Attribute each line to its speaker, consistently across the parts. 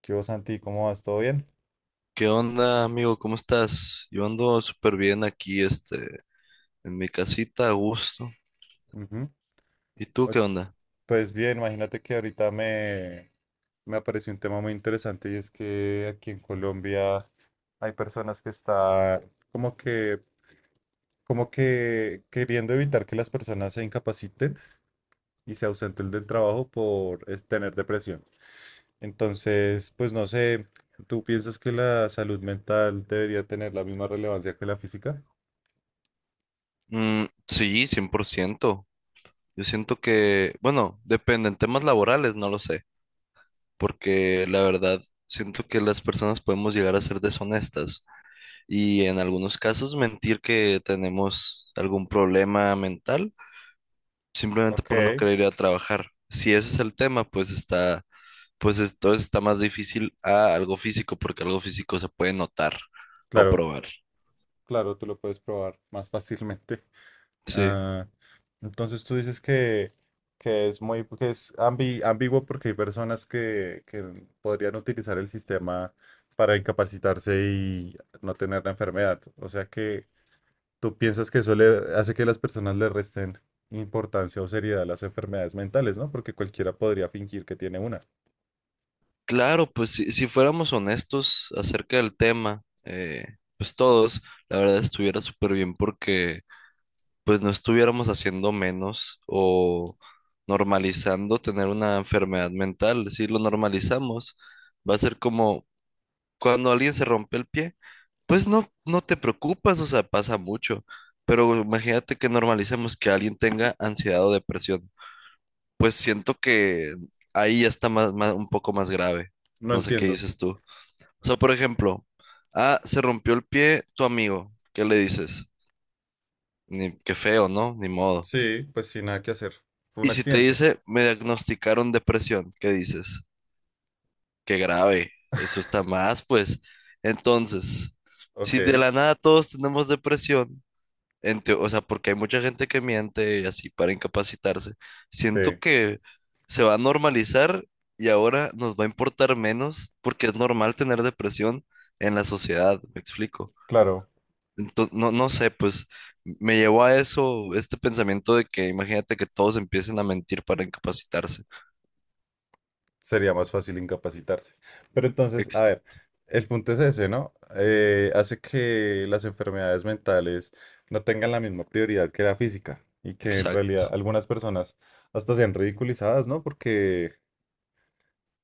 Speaker 1: ¿Qué hubo, Santi? ¿Cómo vas? ¿Todo bien?
Speaker 2: ¿Qué onda, amigo? ¿Cómo estás? Yo ando súper bien aquí, en mi casita, a gusto.
Speaker 1: Ujú.
Speaker 2: ¿Y tú
Speaker 1: O-
Speaker 2: qué onda?
Speaker 1: Pues bien, imagínate que me apareció un tema muy interesante y es que aquí en Colombia hay personas que están como que, como que queriendo evitar que las personas se incapaciten y se ausenten del trabajo tener depresión. Entonces, pues no sé, ¿tú piensas que la salud mental debería tener la misma relevancia que la física?
Speaker 2: Mm, sí, 100%. Yo siento que, bueno, depende, en temas laborales no lo sé, porque la verdad siento que las personas podemos llegar a ser deshonestas y en algunos casos mentir que tenemos algún problema mental simplemente
Speaker 1: Ok,
Speaker 2: por no querer ir a trabajar. Si ese es el tema, pues entonces está más difícil a algo físico, porque algo físico se puede notar o
Speaker 1: claro,
Speaker 2: probar.
Speaker 1: claro, tú lo puedes probar más fácilmente.
Speaker 2: Sí.
Speaker 1: Ah, entonces que es muy, que es ambiguo porque hay que podrían utilizar el sistema para incapacitarse y no tener la enfermedad. O sea que tú piensas que eso le hace que las personas le resten importancia o seriedad a las enfermedades mentales, ¿no? Porque cualquiera podría fingir que tiene una.
Speaker 2: Claro, pues si fuéramos honestos acerca del tema, pues todos, la verdad estuviera súper bien porque pues no estuviéramos haciendo menos o normalizando tener una enfermedad mental. Si lo normalizamos, va a ser como cuando alguien se rompe el pie, pues no, no te preocupas, o sea, pasa mucho. Pero imagínate que normalicemos que alguien tenga ansiedad o depresión. Pues siento que ahí ya está más, un poco más grave.
Speaker 1: No
Speaker 2: No sé qué
Speaker 1: entiendo.
Speaker 2: dices tú. O sea, por ejemplo, ah, se rompió el pie tu amigo. ¿Qué le dices? Ni, qué feo, ¿no? Ni modo.
Speaker 1: Sí, pues sin nada que hacer. Fue un
Speaker 2: Y si te
Speaker 1: accidente.
Speaker 2: dice, me diagnosticaron depresión, ¿qué dices? Qué grave. Eso está más, pues. Entonces,
Speaker 1: Ok,
Speaker 2: si de la nada todos tenemos depresión, o sea, porque hay mucha gente que miente y así para incapacitarse.
Speaker 1: sí,
Speaker 2: Siento que se va a normalizar y ahora nos va a importar menos porque es normal tener depresión en la sociedad, me explico.
Speaker 1: claro,
Speaker 2: Entonces, no, no sé, pues me llevó a eso, este pensamiento de que imagínate que todos empiecen a mentir para incapacitarse.
Speaker 1: sería más fácil incapacitarse. Pero entonces, a ver, el punto es ese, ¿no? Hace que las enfermedades mentales no tengan la misma prioridad que la física y que en realidad
Speaker 2: Exacto.
Speaker 1: algunas personas hasta sean ridiculizadas, ¿no?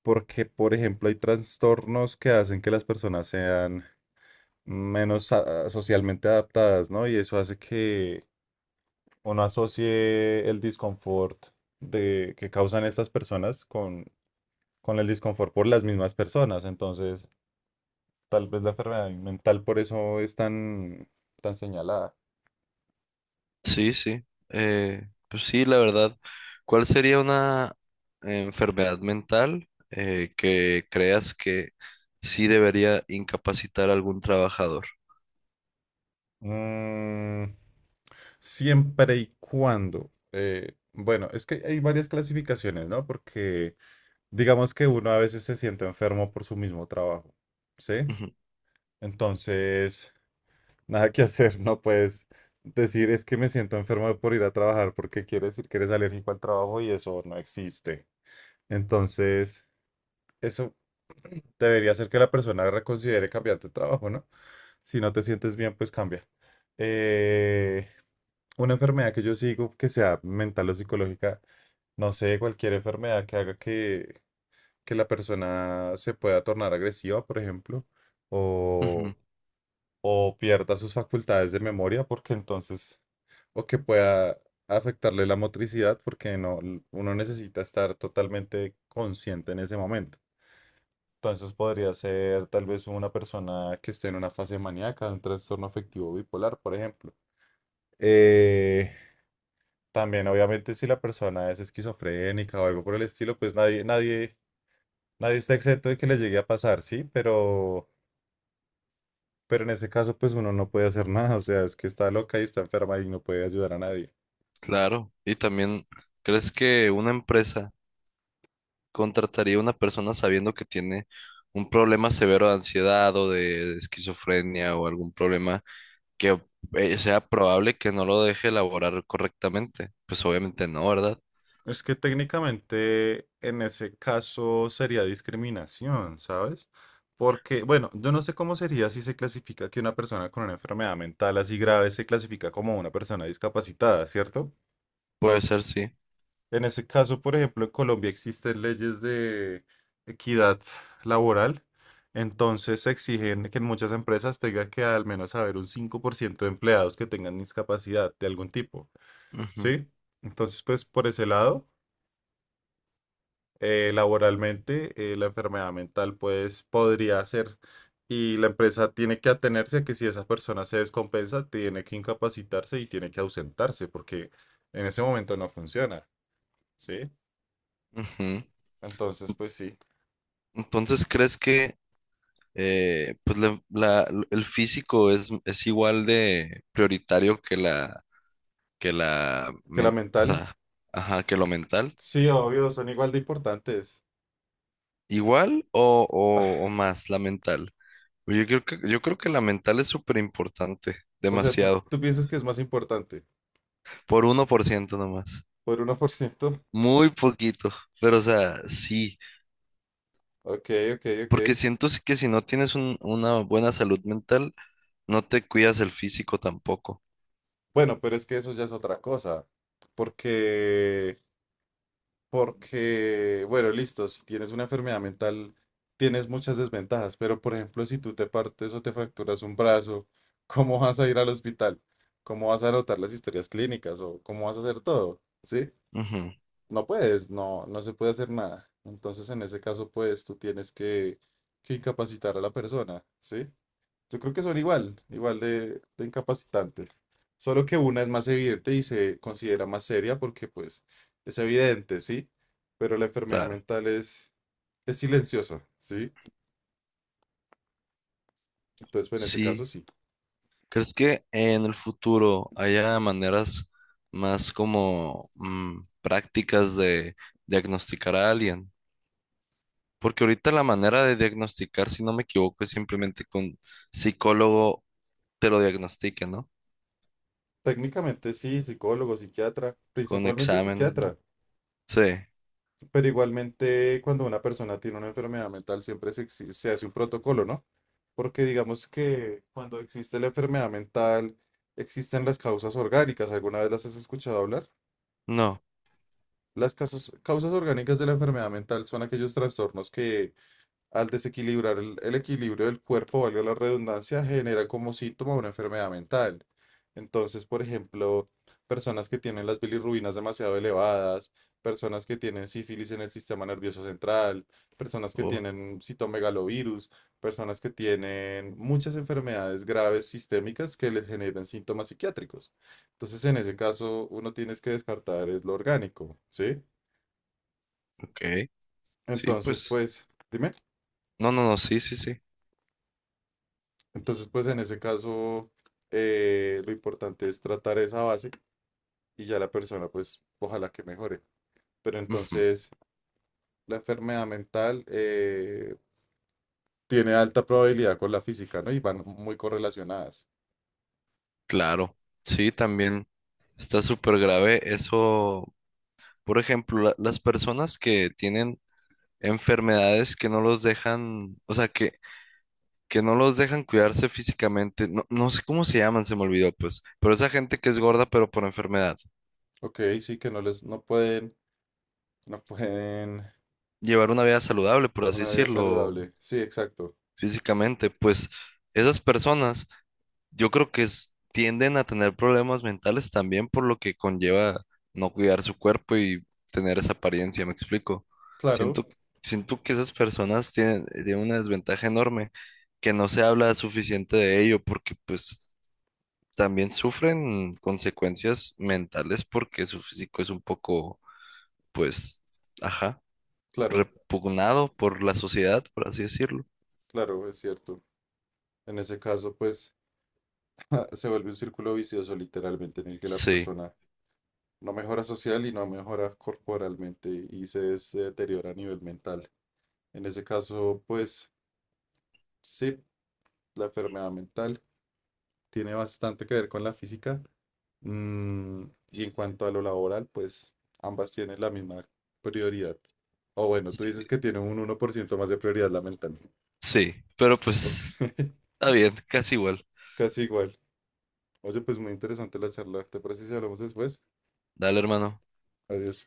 Speaker 1: Porque, por ejemplo, hay trastornos que hacen que las personas sean menos socialmente adaptadas, ¿no? Y eso hace que uno asocie el disconfort que causan estas personas con el disconfort por las mismas personas. Entonces, tal vez la enfermedad mental por eso es tan señalada.
Speaker 2: Sí, sí. Eh, pues sí, la verdad. ¿Cuál sería una enfermedad mental que creas que sí debería incapacitar a algún trabajador?
Speaker 1: Mm, siempre y cuando. Bueno, es que hay varias clasificaciones, ¿no? Porque digamos que uno a veces se siente enfermo por su mismo trabajo, ¿sí?
Speaker 2: Ujú,
Speaker 1: Entonces, nada que hacer, no puedes decir es que me siento enfermo por ir a trabajar porque quiere decir que eres alérgico al trabajo y eso no existe. Entonces, eso debería hacer que la persona reconsidere cambiar de trabajo, ¿no? Si no te sientes bien, pues cambia. Eh, una enfermedad que yo sigo, que sea mental o psicológica, no sé, cualquier enfermedad que haga que la persona se pueda tornar agresiva, por ejemplo,
Speaker 2: ujú.
Speaker 1: o, o pierda sus facultades de memoria, porque entonces, o que pueda afectarle la motricidad, porque no, uno necesita estar totalmente consciente en ese momento. Entonces podría ser tal vez una persona que esté en una fase maníaca, un trastorno afectivo bipolar, por ejemplo. Eh, También, obviamente, si la persona es esquizofrénica o algo por el estilo, pues nadie está exento de que le llegue a pasar, sí, pero en ese caso, pues uno no puede hacer nada. O sea, es que está loca y está enferma y no puede ayudar a nadie.
Speaker 2: Claro. Y también, ¿crees que una empresa contrataría a una persona sabiendo que tiene un problema severo de ansiedad o de esquizofrenia o algún problema que sea probable que no lo deje elaborar correctamente? Pues obviamente no, ¿verdad?
Speaker 1: Es que técnicamente en ese caso sería discriminación, ¿sabes? Porque, bueno, yo no sé cómo sería si se clasifica que una persona con una enfermedad mental así grave se clasifica como una persona discapacitada, ¿cierto?
Speaker 2: Puede ser, sí.
Speaker 1: En ese caso, por ejemplo, en Colombia existen leyes de equidad laboral, entonces se exigen que en muchas empresas tenga que al menos haber un 5% de empleados que tengan discapacidad de algún tipo,
Speaker 2: Ujú.
Speaker 1: ¿sí? Entonces, pues por ese lado. Laboralmente, la enfermedad mental, pues podría ser. Y la empresa tiene que atenerse a que si esa persona se descompensa, tiene que incapacitarse y tiene que ausentarse, porque en ese momento no funciona, ¿sí?
Speaker 2: Ujú.
Speaker 1: Entonces, pues sí,
Speaker 2: Entonces, ¿crees que pues el físico es igual de prioritario que la,
Speaker 1: que la
Speaker 2: o
Speaker 1: mental,
Speaker 2: sea, ajá, ¿que lo mental?
Speaker 1: sí, obvio, son igual de importantes.
Speaker 2: ¿Igual o, o más la mental? Yo creo que la mental es súper importante,
Speaker 1: O sea, ¿
Speaker 2: demasiado,
Speaker 1: tú piensas que es más importante?
Speaker 2: por 1% nomás,
Speaker 1: ¿Por 1%?
Speaker 2: muy poquito, pero o sea, sí,
Speaker 1: Ok, ok, ok.
Speaker 2: porque siento que si no tienes una buena salud mental, no te cuidas el físico tampoco.
Speaker 1: Bueno, pero es que eso ya es otra cosa, porque porque, bueno, listo, si tienes una enfermedad mental, tienes muchas desventajas, pero por ejemplo, si tú te partes o te fracturas un brazo, ¿cómo vas a ir al hospital? ¿Cómo vas a anotar las historias clínicas o cómo vas a hacer todo? ¿Sí?
Speaker 2: Ujú,
Speaker 1: No puedes, no, no se puede hacer nada. Entonces, en ese caso, pues tú tienes que incapacitar a la persona, ¿sí? Yo creo que son igual de incapacitantes. Solo que una es más evidente y se considera más seria porque pues es evidente, ¿sí? Pero la enfermedad
Speaker 2: claro.
Speaker 1: mental es silenciosa, ¿sí? Entonces, pues, en ese caso
Speaker 2: Sí,
Speaker 1: sí.
Speaker 2: ¿crees que en el futuro haya maneras más como prácticas de diagnosticar a alguien? Porque ahorita la manera de diagnosticar, si no me equivoco, es simplemente con psicólogo te lo diagnostique, ¿no?
Speaker 1: Técnicamente sí, psicólogo, psiquiatra,
Speaker 2: Con
Speaker 1: principalmente
Speaker 2: exámenes, ¿no?
Speaker 1: psiquiatra,
Speaker 2: Sí,
Speaker 1: pero igualmente cuando una persona tiene una enfermedad mental siempre se hace un protocolo, ¿no? Porque digamos que cuando existe la enfermedad mental, existen las causas orgánicas, ¿alguna vez las has escuchado hablar?
Speaker 2: no.
Speaker 1: Las causas orgánicas de la enfermedad mental son aquellos trastornos que, al desequilibrar el equilibrio del cuerpo, valga la redundancia, generan como síntoma una enfermedad mental. Entonces, por ejemplo, personas que tienen las bilirrubinas demasiado elevadas, personas que tienen sífilis en el sistema nervioso central, personas que
Speaker 2: Oh,
Speaker 1: tienen citomegalovirus, personas que tienen muchas enfermedades graves sistémicas que les generan síntomas psiquiátricos. Entonces, en ese caso, uno tienes que descartar es lo orgánico, ¿sí?
Speaker 2: ok, sí,
Speaker 1: Entonces,
Speaker 2: pues.
Speaker 1: pues, dime.
Speaker 2: No, no, no, sí, sí, sí.
Speaker 1: Entonces, pues, en ese caso, lo importante es tratar esa base y ya la persona, pues, ojalá que mejore. Pero
Speaker 2: Ujú.
Speaker 1: entonces, la enfermedad mental tiene alta probabilidad con la física, ¿no? Y van muy correlacionadas.
Speaker 2: Claro, sí, también está súper grave eso. Por ejemplo, las personas que tienen enfermedades que no los dejan, o sea, que no los dejan cuidarse físicamente. No, no sé cómo se llaman, se me olvidó, pues. Pero esa gente que es gorda, pero por enfermedad.
Speaker 1: Ok, sí, que no les, no pueden
Speaker 2: Llevar una vida saludable, por así
Speaker 1: una vida
Speaker 2: decirlo,
Speaker 1: saludable. Sí, exacto.
Speaker 2: físicamente, pues esas personas, yo creo que tienden a tener problemas mentales también por lo que conlleva no cuidar su cuerpo y tener esa apariencia, ¿me explico?
Speaker 1: Claro,
Speaker 2: Siento, siento que esas personas tienen una desventaja enorme que no se habla suficiente de ello porque pues también sufren consecuencias mentales porque su físico es un poco, pues, ajá,
Speaker 1: claro,
Speaker 2: repugnado por la sociedad, por así decirlo.
Speaker 1: claro, es cierto. En ese caso, pues, se vuelve un círculo vicioso, literalmente, en el que la
Speaker 2: Sí,
Speaker 1: persona no mejora social y no mejora corporalmente y se deteriora a nivel mental. En ese caso, pues sí, la enfermedad mental tiene bastante que ver con la física. mm, y en cuanto a lo laboral, pues ambas tienen la misma prioridad. O bueno, tú
Speaker 2: sí,
Speaker 1: dices que tiene un 1% más de prioridad la mental.
Speaker 2: sí, pero
Speaker 1: Ok,
Speaker 2: pues está bien, casi igual.
Speaker 1: casi igual. Oye, pues muy interesante la charla. ¿Te parece si hablamos después?
Speaker 2: Dale, hermano.
Speaker 1: Adiós.